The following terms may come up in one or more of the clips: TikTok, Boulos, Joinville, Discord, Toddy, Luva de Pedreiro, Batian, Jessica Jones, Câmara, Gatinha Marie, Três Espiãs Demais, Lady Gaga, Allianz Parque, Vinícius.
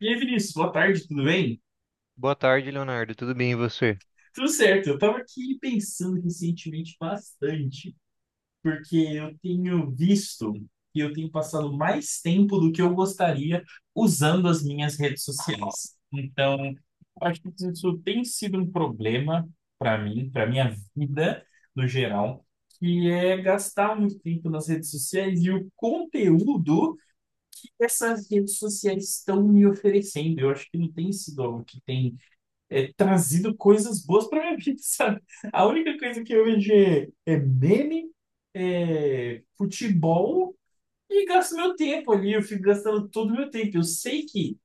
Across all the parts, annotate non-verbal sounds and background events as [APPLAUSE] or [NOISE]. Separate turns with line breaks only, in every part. E aí, Vinícius, boa tarde, tudo bem?
Boa tarde, Leonardo. Tudo bem e você?
Tudo certo, eu tava aqui pensando recentemente bastante, porque eu tenho visto que eu tenho passado mais tempo do que eu gostaria usando as minhas redes sociais. Então, eu acho que isso tem sido um problema para mim, para minha vida no geral, que é gastar muito tempo nas redes sociais e o conteúdo que essas redes sociais estão me oferecendo. Eu acho que não tem sido algo que tem trazido coisas boas para minha [LAUGHS] vida, sabe? A única coisa que eu vejo é meme, é futebol e gasto meu tempo ali. Eu fico gastando todo o meu tempo. Eu sei que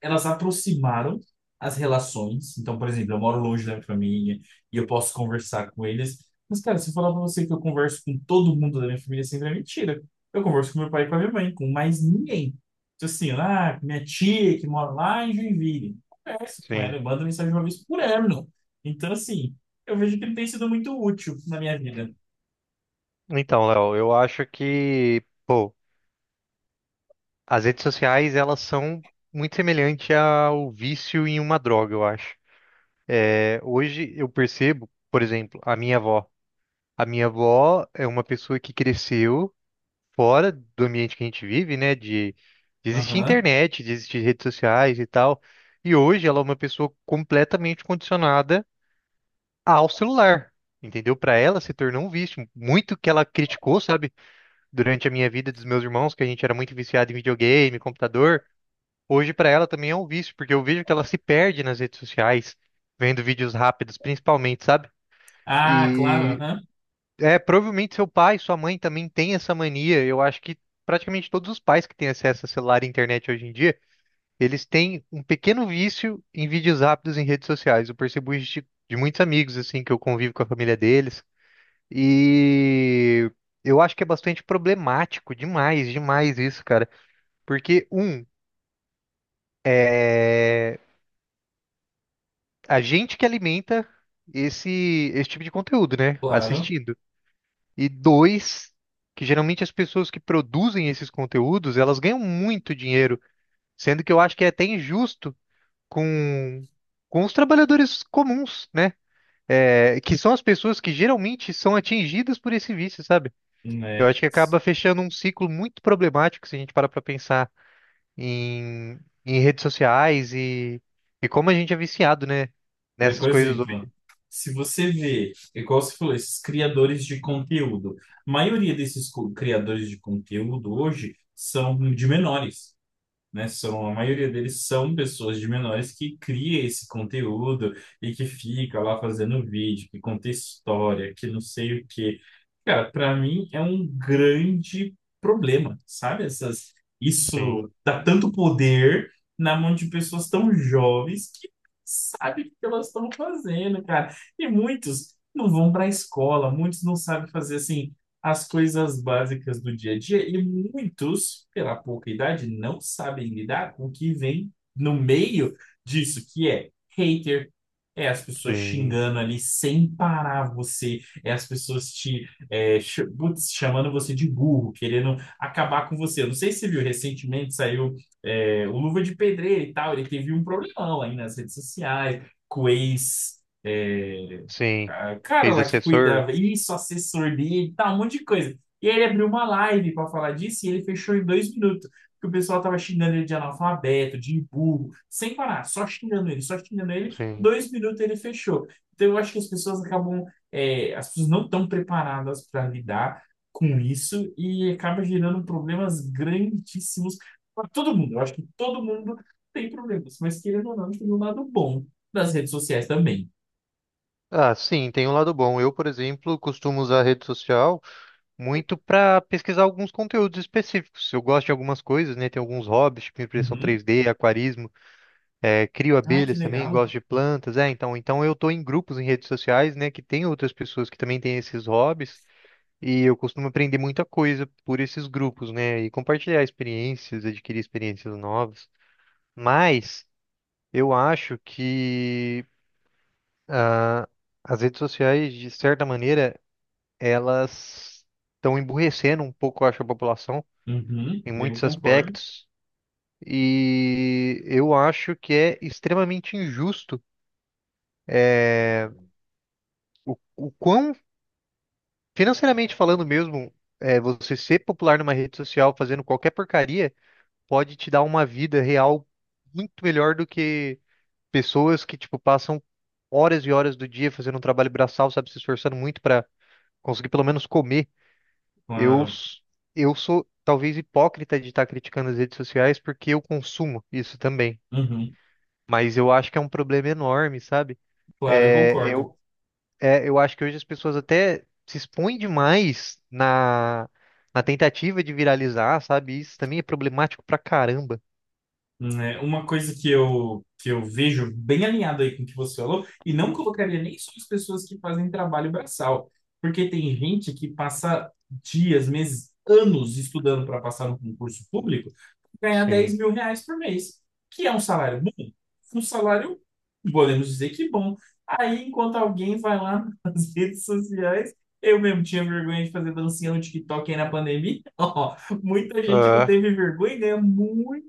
elas aproximaram as relações. Então, por exemplo, eu moro longe da minha família e eu posso conversar com eles. Mas, cara, se eu falar pra você que eu converso com todo mundo da minha família, sempre é mentira. Eu converso com meu pai e com a minha mãe, com mais ninguém. Então, assim, ah, minha tia que mora lá em Joinville. Converso com
Sim.
ela, eu mando mensagem uma vez por ano. Então, assim, eu vejo que ele tem sido muito útil na minha vida.
Então, Léo, eu acho que, pô, as redes sociais, elas são muito semelhantes ao vício em uma droga, eu acho. É, hoje eu percebo, por exemplo, a minha avó. A minha avó é uma pessoa que cresceu fora do ambiente que a gente vive, né? De existir
Aham.
internet, de existir redes sociais e tal. E hoje ela é uma pessoa completamente condicionada ao celular. Entendeu? Para ela se tornou um vício. Muito que ela criticou, sabe, durante a minha vida dos meus irmãos, que a gente era muito viciado em videogame, computador. Hoje para ela também é um vício, porque eu vejo que ela se perde nas redes sociais, vendo vídeos rápidos, principalmente, sabe?
Ah, claro,
E
aham.
é provavelmente seu pai, sua mãe também tem essa mania. Eu acho que praticamente todos os pais que têm acesso a celular e internet hoje em dia, eles têm um pequeno vício em vídeos rápidos em redes sociais. Eu percebo isso de muitos amigos assim que eu convivo com a família deles. E eu acho que é bastante problemático, demais, demais isso, cara. Porque, um, a gente que alimenta esse tipo de conteúdo, né?
Claro.
Assistindo. E dois, que geralmente as pessoas que produzem esses conteúdos, elas ganham muito dinheiro, sendo que eu acho que é até injusto com, com os trabalhadores comuns, né? É, que são as pessoas que geralmente são atingidas por esse vício, sabe? Eu
Né?
acho que acaba fechando um ciclo muito problemático se a gente parar pra pensar em, em redes sociais e como a gente é viciado, né?
É,
Nessas
por
coisas
exemplo,
hoje.
se você vê, é igual você falou, esses criadores de conteúdo, a maioria desses criadores de conteúdo hoje são de menores, né? São, a maioria deles são pessoas de menores que cria esse conteúdo e que fica lá fazendo vídeo, que conta história, que não sei o quê. Cara, para mim é um grande problema, sabe? Essas,
Sim,
isso dá tanto poder na mão de pessoas tão jovens que sabe o que elas estão fazendo, cara. E muitos não vão para a escola, muitos não sabem fazer assim as coisas básicas do dia a dia e muitos, pela pouca idade, não sabem lidar com o que vem no meio disso, que é hater, é as pessoas
sim,
xingando ali sem parar você, é as pessoas te putz, chamando você de burro, querendo acabar com você. Eu não sei se você viu, recentemente saiu o Luva de Pedreiro e tal, ele teve um problemão aí nas redes sociais, com o ex.
sim.
Cara lá que
Ex-assessor?
cuidava, isso, assessor dele, tal, um monte de coisa. E aí ele abriu uma live para falar disso e ele fechou em 2 minutos. Porque o pessoal tava xingando ele de analfabeto, de burro, sem parar, só xingando ele, só xingando ele.
Sim.
2 minutos ele fechou. Então eu acho que as pessoas acabam, as pessoas não estão preparadas para lidar com isso e acaba gerando problemas grandíssimos para todo mundo. Eu acho que todo mundo tem problemas, mas querendo ou não, tem um lado bom das redes sociais também.
Ah, sim, tem um lado bom. Eu, por exemplo, costumo usar a rede social muito para pesquisar alguns conteúdos específicos. Eu gosto de algumas coisas, né? Tem alguns hobbies, tipo impressão
Uhum.
3D, aquarismo, crio
Ah, que
abelhas também,
legal.
gosto de plantas. É, então, então eu tô em grupos em redes sociais, né? Que tem outras pessoas que também têm esses hobbies. E eu costumo aprender muita coisa por esses grupos, né? E compartilhar experiências, adquirir experiências novas. Mas eu acho que as redes sociais, de certa maneira, elas estão emburrecendo um pouco, eu acho, a população
Uhum,
em
eu
muitos
concordo.
aspectos. E eu acho que é extremamente injusto, é, o quão, financeiramente falando mesmo, é, você ser popular numa rede social fazendo qualquer porcaria. Pode te dar uma vida real muito melhor do que pessoas que, tipo, passam horas e horas do dia fazendo um trabalho braçal, sabe, se esforçando muito para conseguir pelo menos comer. Eu,
Claro.
s- eu sou talvez hipócrita de estar criticando as redes sociais porque eu consumo isso também.
Uhum,
Mas eu acho que é um problema enorme, sabe?
claro, eu
É,
concordo.
eu, é, eu acho que hoje as pessoas até se expõem demais na, na tentativa de viralizar, sabe? Isso também é problemático pra caramba.
Né? Uma coisa que eu vejo bem alinhado aí com o que você falou, e não colocaria nem só as pessoas que fazem trabalho braçal, porque tem gente que passa dias, meses, anos estudando para passar no concurso público, ganhar 10
Sim.
mil reais por mês, que é um salário bom, um salário, podemos dizer que bom. Aí, enquanto alguém vai lá [LAUGHS] nas redes sociais, eu mesmo tinha vergonha de fazer dancinha no TikTok aí na pandemia, [LAUGHS] ó, muita gente não
É.
teve vergonha e ganha muito,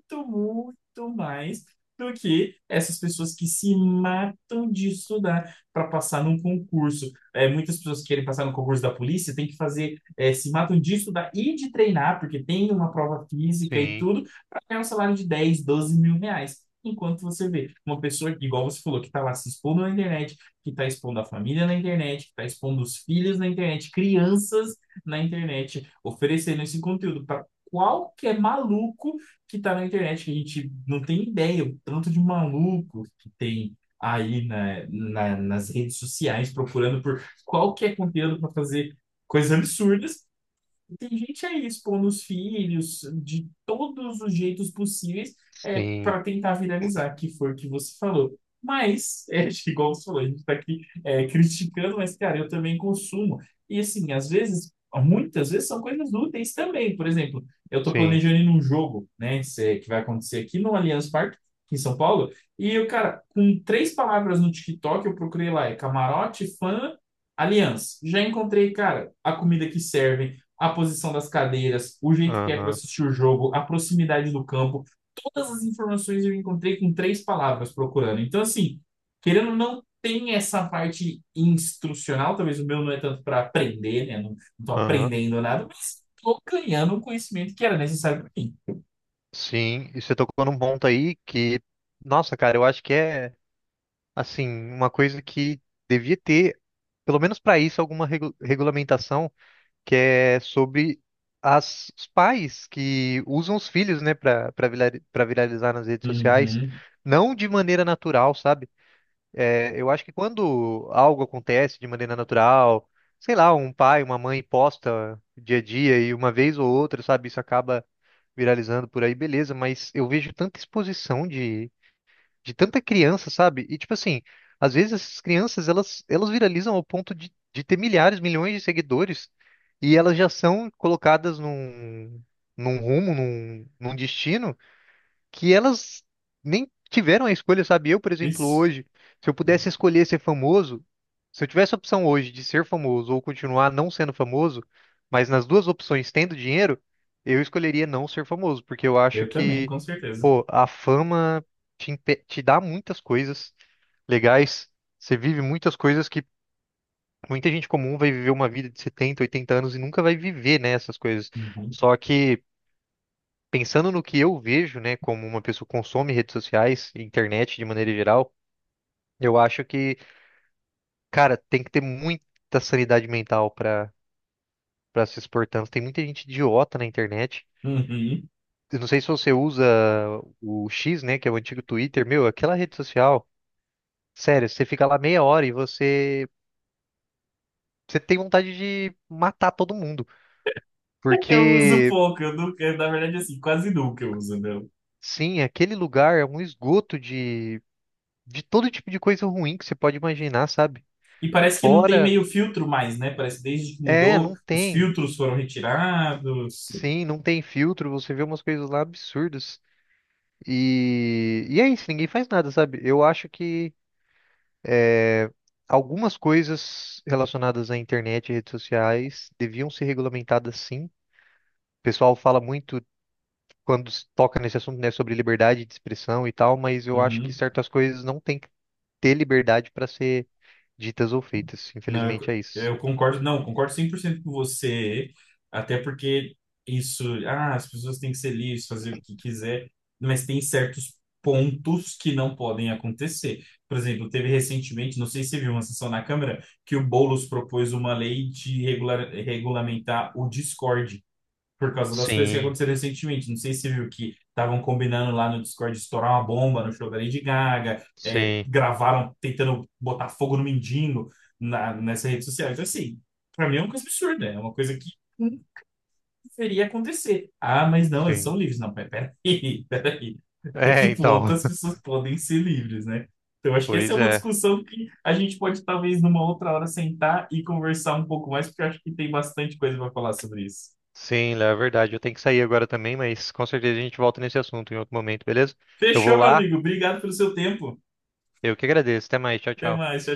mais do que essas pessoas que se matam de estudar para passar num concurso. É, muitas pessoas que querem passar no concurso da polícia têm que fazer, é, se matam de estudar e de treinar, porque tem uma prova física e
Sim,
tudo, para ganhar um salário de 10, 12 mil reais. Enquanto você vê uma pessoa, igual você falou, que está lá se expondo na internet, que está expondo a família na internet, que está expondo os filhos na internet, crianças na internet, oferecendo esse conteúdo para qualquer maluco que está na internet, que a gente não tem ideia o tanto de maluco que tem aí nas redes sociais procurando por qualquer conteúdo para fazer coisas absurdas, tem gente aí expondo os filhos de todos os jeitos possíveis, é,
sim,
para tentar viralizar, que foi o que você falou. Mas, [LAUGHS] acho que igual você falou, a gente está aqui criticando, mas, cara, eu também consumo. E, assim, às vezes, muitas vezes são coisas úteis também. Por exemplo, eu estou
sim.
planejando ir num jogo, né, que vai acontecer aqui no Allianz Parque, aqui em São Paulo, e eu, cara, com três palavras no TikTok, eu procurei lá, é camarote, fã, Aliança, já encontrei, cara, a comida que servem, a posição das cadeiras, o jeito que é para
Aham,
assistir o jogo, a proximidade do campo. Todas as informações eu encontrei com três palavras procurando. Então, assim, querendo ou não, tem essa parte instrucional. Talvez o meu não é tanto para aprender, né? Não estou
aham.
aprendendo nada, mas estou ganhando o conhecimento que era necessário para mim.
Sim, e você tocou num ponto aí que, nossa, cara, eu acho que é, assim, uma coisa que devia ter, pelo menos para isso, regulamentação que é sobre as, os pais que usam os filhos, né, para viralizar nas redes sociais,
Uhum.
não de maneira natural, sabe? É, eu acho que quando algo acontece de maneira natural, sei lá, um pai, uma mãe posta dia a dia e uma vez ou outra, sabe, isso acaba viralizando por aí, beleza, mas eu vejo tanta exposição de tanta criança, sabe? E tipo assim, às vezes essas crianças, elas viralizam ao ponto de ter milhares, milhões de seguidores e elas já são colocadas num, num rumo, num, num destino que elas nem tiveram a escolha, sabe? Eu, por exemplo,
Isso.
hoje, se eu pudesse escolher ser famoso, se eu tivesse a opção hoje de ser famoso ou continuar não sendo famoso, mas nas duas opções tendo dinheiro, eu escolheria não ser famoso, porque eu acho
Eu também,
que,
com certeza.
pô, a fama te dá muitas coisas legais, você vive muitas coisas que muita gente comum vai viver uma vida de 70, 80 anos e nunca vai viver, né, essas coisas.
Uhum.
Só que pensando no que eu vejo, né, como uma pessoa que consome redes sociais, internet de maneira geral, eu acho que, cara, tem que ter muita sanidade mental para se expor tanto. Tem muita gente idiota na internet.
Uhum.
Eu não sei se você usa o X, né, que é o antigo Twitter, meu, aquela rede social. Sério, você fica lá meia hora e você tem vontade de matar todo mundo,
[LAUGHS] Eu uso
porque
pouco, eu nunca, na verdade, assim, quase nunca eu uso, né?
sim, aquele lugar é um esgoto de todo tipo de coisa ruim que você pode imaginar, sabe?
E parece que não tem
Fora
meio filtro mais, né? Parece que desde que
é,
mudou,
não
os
tem.
filtros foram retirados.
Sim, não tem filtro, você vê umas coisas lá absurdas. E é isso, ninguém faz nada, sabe? Eu acho que é, algumas coisas relacionadas à internet e redes sociais deviam ser regulamentadas sim. O pessoal fala muito quando se toca nesse assunto, né, sobre liberdade de expressão e tal, mas eu acho que
Uhum.
certas coisas não têm que ter liberdade para ser ditas ou feitas.
Não,
Infelizmente é isso.
eu concordo, não, concordo 100% com você, até porque isso, ah, as pessoas têm que ser livres, fazer o que quiser, mas tem certos pontos que não podem acontecer. Por exemplo, teve recentemente, não sei se você viu uma sessão na Câmara, que o Boulos propôs uma lei de regulamentar o Discord. Por causa das coisas que
Sim,
aconteceram recentemente. Não sei se você viu que estavam combinando lá no Discord estourar uma bomba no show da Lady Gaga, é,
sim,
gravaram tentando botar fogo no mendigo nessa rede social. Então, assim, pra mim é uma coisa absurda, é uma coisa que não deveria acontecer. Ah, mas não, eles são
sim.
livres. Não, peraí, [LAUGHS] peraí. Até
É,
que
então.
ponto as
[LAUGHS]
pessoas podem ser livres, né? Então, acho que essa é
Pois
uma
é.
discussão que a gente pode, talvez, numa outra hora sentar e conversar um pouco mais, porque eu acho que tem bastante coisa para falar sobre isso.
Sim, Léo, é verdade. Eu tenho que sair agora também, mas com certeza a gente volta nesse assunto em outro momento, beleza? Eu vou
Fechou, meu
lá,
amigo. Obrigado pelo seu tempo.
eu que agradeço. Até mais, tchau,
Até
tchau.
mais. Tchau, tchau.